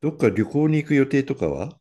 どっか旅行に行く予定とかは？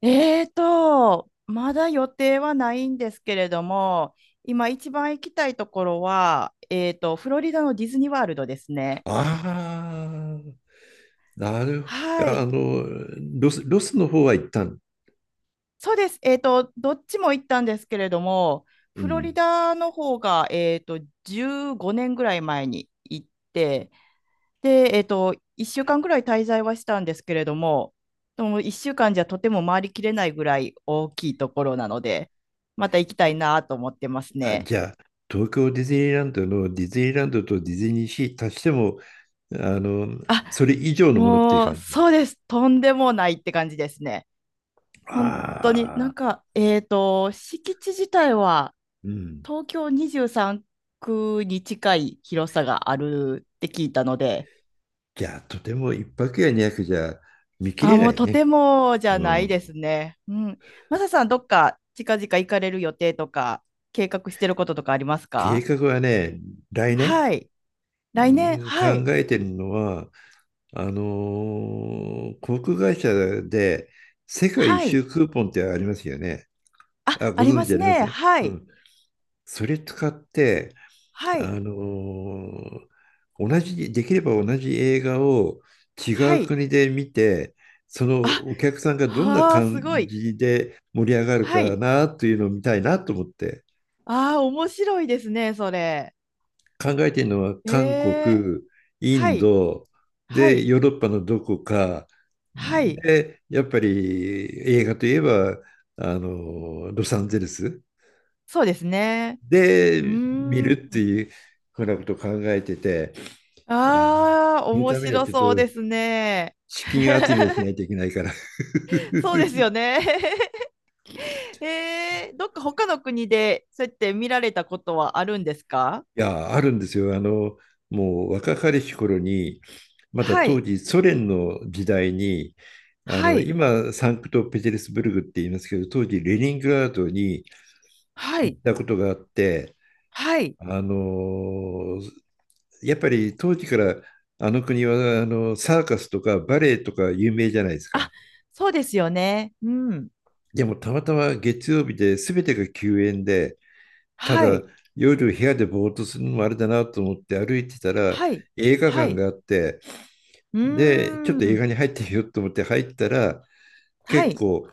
まだ予定はないんですけれども、今一番行きたいところは、フロリダのディズニーワールドですね。ああ、なるほはど。い。ロスの方は一旦。そうです。どっちも行ったんですけれども、うフロリん。ダの方が、15年ぐらい前に行って、で、1週間ぐらい滞在はしたんですけれども、でも1週間じゃとても回りきれないぐらい大きいところなので、また行きたいなと思ってますあ、ね。じゃあ、東京ディズニーランドのディズニーランドとディズニーシー足しても、あの、それ以上のものっていうもう、感じ。そうです。とんでもないって感じですね。本当に、なあんあ、か、敷地自体はうん。東京23区に近い広さがあるって聞いたので、じゃあ、とても一泊や二泊じゃ見切あ、れなもういとてね。もじゃうないですん。ね。うん。マサさん、どっか近々行かれる予定とか、計画してることとかあります計か？画はね、来年、はい。う来年、は考い。えてるのは、航空会社で世界一はい。周クーポンってありますよね。あ、あ、あごりま存知あすりますね。ね。はうい。ん。それ使って、はあい。のーできれば同じ映画を違はうい。国で見て、そのあ、お客さんがどんなはあ、す感ごい。じで盛り上がるはかい。なというのを見たいなと思って。ああ、面白いですね、それ。考えているのはえ韓え、国、イはンい、ド、はで、い、ヨーロッパのどこか、はい、で、やっぱり映画といえば、ロサンゼルスそうですね。うで見ーるっん。ていうふうなことを考えてて、あの、ああ、その面ためには白ちょっとそうですね。資金集めをし ないといけないから そうですよね。ええ、どっか他の国でそうやって見られたことはあるんですか？いや、あるんですよ。もう若かりし頃に、まだは当い、時ソ連の時代に、はい、今、サンクトペテルスブルグって言いますけど、当時レニングラードには行っい、たことがあって、はい。あの、やっぱり当時からあの国はサーカスとかバレエとか有名じゃないですあ、か。そうですよね。うん。でもたまたま月曜日で全てが休園で、たはだい、夜部屋でぼーっとするのもあれだなと思って歩いてたらはい、映画は館い。があって、うで、ちょっーと映ん。画に入ってみようと思って入ったら、は結い。構、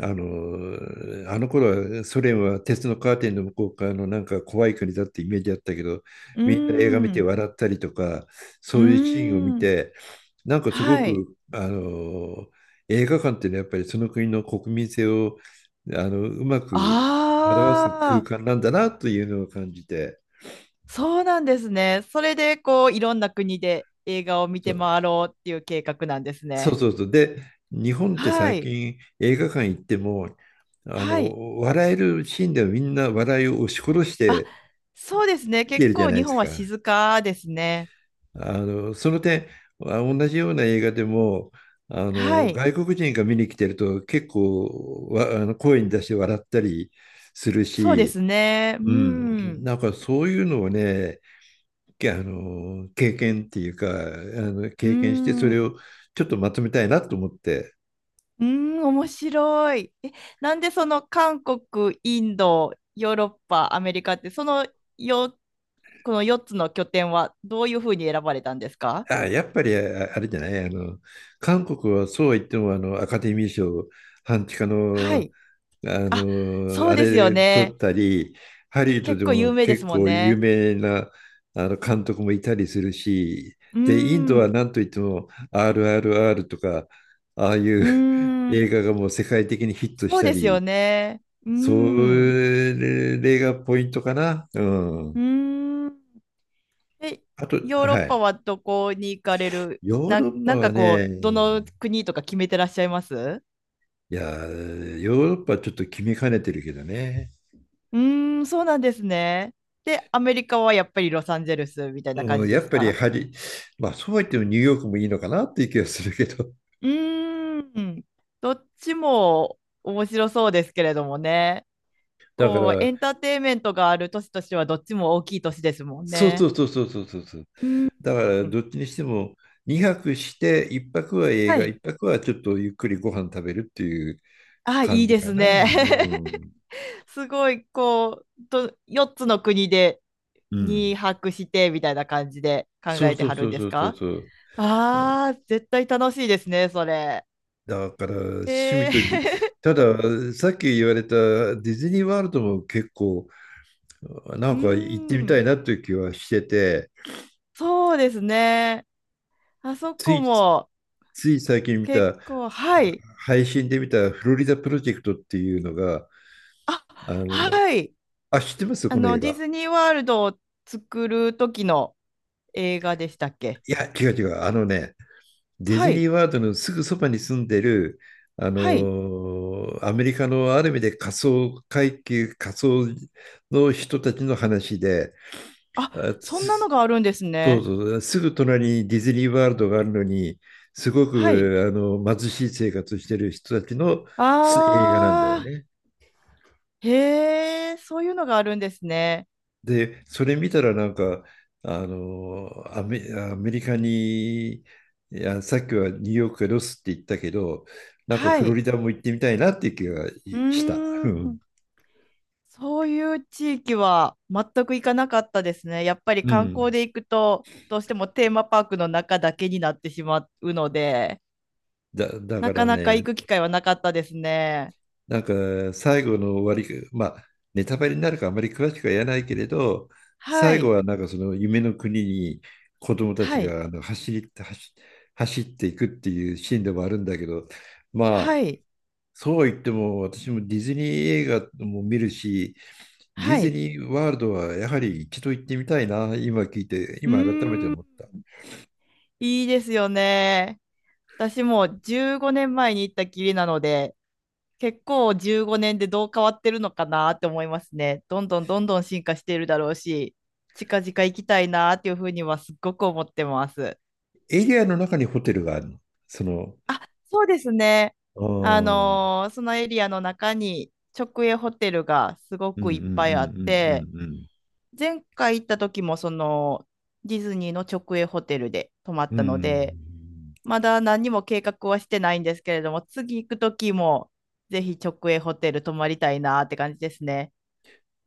あのあの頃はソ連は鉄のカーテンの向こう側のなんか怖い国だってイメージあったけど、うーみんな映画見てん。笑ったりとか、うそういうシーンを見ーん、て、なんかすごはい。く、映画館っていうのはやっぱりその国の国民性をうまく表すあ空あ、間なんだなというのを感じて。そうなんですね。それで、こう、いろんな国で映画を見そてう回ろうっていう計画なんですそうね。そうそう。で、日本っては最い、近映画館行っても、はい。笑えるシーンではみんな笑いを押し殺しあ、てそうですね。見て結るじゃ構ない日です本はか。静かですね。その点、同じような映画でも、はい、外国人が見に来てると結構わ、あの、声に出して笑ったりするそうでし、すね。ううん、ん、なんかそういうのをね、けあの、経験っていうか、う経験してそん、れをちょっとまとめたいなと思って。うん、面白い。え、なんでその韓国、インド、ヨーロッパ、アメリカって、そのよ、この4つの拠点はどういうふうに選ばれたんですか？あ、やっぱりああれじゃない、韓国はそうは言っても、アカデミー賞、半地下はの、い。そあうですよれ取ね。ったり、ハリウッド結で構有も名で結すもん構有ね。名なあの監督もいたりするし、うで、インドーん。うは何といっても RRR とか、ああいうーん。映画がもう世界的にヒットしそうたですより、ね。うーそん。れがポイントかな。ううん。ーん。え、あと、ヨーロッはパい。はどこに行かれるヨーな、ロッパなんはかこね、う、どの国とか決めてらっしゃいますういやー、ヨーロッパはちょっと決めかねてるけどね。ーん、そうなんですね。で、アメリカはやっぱりロサンゼルスみたいな感うん、じやでっすぱりか？まあそうは言ってもニューヨークもいいのかなっていう気がするけど。うーん。どっちも面白そうですけれどもね。だか構ら、エンターテインメントがある年としてはどっちも大きい年ですもんそうそね。うそうそうそうそうそう。うん。だからどっちにしても2泊して1泊は映は画、1い。泊はちょっとゆっくりご飯食べるっていうあ、感いいじでかすな。ね。うん。すごい、こう、4つの国でうにん。泊してみたいな感じで考そうえてそうはるそんうでそすうそうか？そう。ああー、絶対楽しいですね、それ。だから、趣え味とぎ、ー ただ、さっき言われたディズニーワールドも結構なうーんか行ってみたん、いなという気はしてて、そうですね。あそつこい、もつい最近見結た、構、はい。配信で見たフロリダプロジェクトっていうのが、あ、あの、はい。あ、知ってますこの映ディ画？ズニーワールドを作る時の映画でしたっけ？いや、違う違う。あのね、ディはズニい。ーワールドのすぐそばに住んでる、はい。アメリカのある意味で仮想の人たちの話で、あ、そんなのがあるんですそうね。そう、すぐ隣にディズニーワールドがあるのに、すごはい。く貧しい生活してる人たちの映画なんだよあね。ー、へえ、そういうのがあるんですね。で、それ見たらなんか、アメリカに、いや、さっきはニューヨークがロスって言ったけど、なんかはフロい。リダも行ってみたいなっていう気がうした。ーうん。ん。そういう地域は全く行かなかったですね。やっぱりう観光ん。で行くと、どうしてもテーマパークの中だけになってしまうので、だなかからなかね、行く機会はなかったですね。なんか最後の終わり、まあネタバレになるからあまり詳しくは言えないけれど、は最後い。はなんかその夢の国に子供たちはい。があの走り、走、走っていくっていうシーンでもあるんだけど、まはあい。そう言っても私もディズニー映画も見るし、ディはズい。ニーワールドはやはり一度行ってみたいな、今聞いて、う今改めてーん。思った。いいですよね。私もう15年前に行ったきりなので、結構15年でどう変わってるのかなって思いますね。どんどんどんどん進化しているだろうし、近々行きたいなっていうふうにはすっごく思ってます。エリアの中にホテルがあるの？その、そうですね。あーそのエリアの中に直営ホテルがすごうんうんくういっんぱいあって、うんうん前回行った時もそのディズニーの直営ホテルで泊まっうん。うたので、ん。まだ何も計画はしてないんですけれども、次行くときも、ぜひ直営ホテル泊まりたいなって感じですね。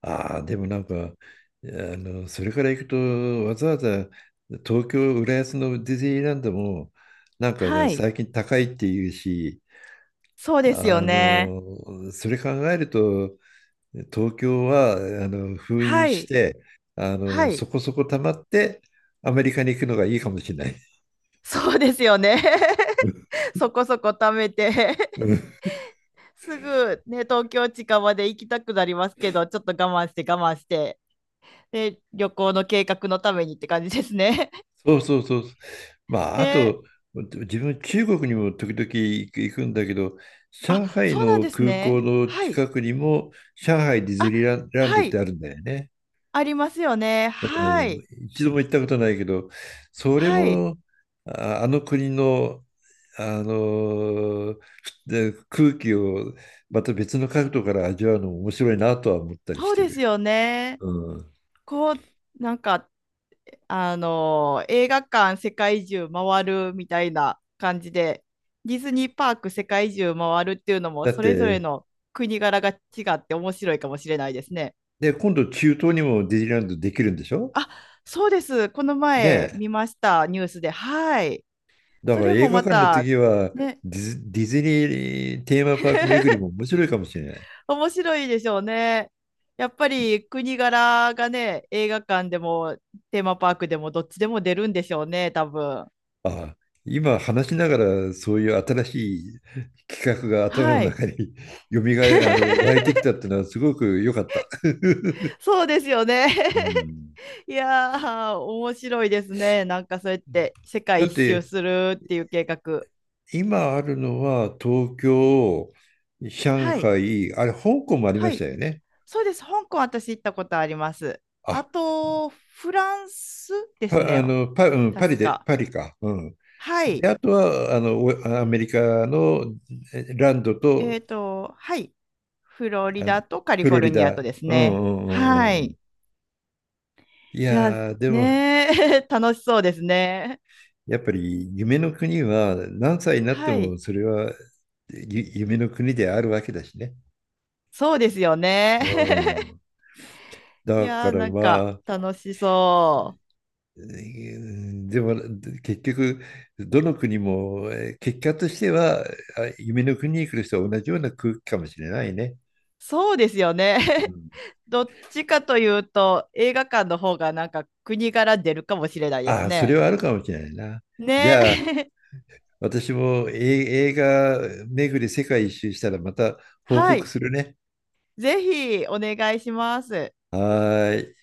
ああ、でもなんか、それから行くと、わざわざ東京、浦安のディズニーランドも、なんかね、はい。最近高いっていうし、そうですよね。それ考えると、東京は、封印はしい。て、はい。そこそこ溜まって、アメリカに行くのがいいかもしれない。そうですよね。そこそこ貯めて うん。 すぐね、東京近場で行きたくなりますけど、ちょっと我慢して我慢して、で、旅行の計画のためにって感じですね。そうそうそう。ま あ、あね、と、自分、中国にも時々行くんだけど、あ、上海そうなんのです空港ね。のはい。近くにも、上海ディズあ、ニーランランドはってい。あるんだよね。ありますよね。はうん、い。一度も行ったことないけど、それはい。も、あ、あの国の、あので空気をまた別の角度から味わうのも面白いなとは思ったりしそうてでする。よね。うん、こう、なんか、あの映画館世界中回るみたいな感じで、ディズニーパーク世界中回るっていうのも、だっそれぞれて、の国柄が違って面白いかもしれないですね。で、今度中東にもディズニーランドできるんでしょあ、そうです。この前ね？見ました、ニュースで。はい。だそかられ映も画ま館のた、次はね、ディズニーテーマパーク巡りも面白いかもしれない。面白いでしょうね。やっぱいり国柄がね、映画館でもテーマパークでもどっちでも出るんでしょうね、多分。あ、今話しながらそういう新しい企画が頭のはい。中に よみがえ、あの、湧いてきたってのはすごく良かった。そうですよね。うん、いやー、面白いですね。なんかそうやって世だ界っ一周てするっていう計画。今あるのは東京、上はい。海、あれ香港もありまはしたい。よね。そうです。香港私行ったことあります。ああ、と、フランスですね。パリ確で、か。パリか。うん。はい。で、あとは、アメリカのランドと、はい。フロリあの、ダとカリフフォロルリニアとダ。ですうんうね。んうはんうん。い。いいや、やー、でも、ねー 楽しそうですね。やっぱり夢の国は何歳になってはい。もそれは夢の国であるわけだしね。そうですよね。う ん。いだかやー、らなんまかあ、楽しそう。でも結局、どの国も結果としては夢の国に来る人は同じような空気かもしれないね。そうですよね。う ん。どっちかというと、映画館の方がなんか国柄出るかもしれないですああ、それね。はあるかもしれないな。じね。ゃあ、私も映画巡り世界一周したらまた報は告い。するね。ぜひお願いします。はーい。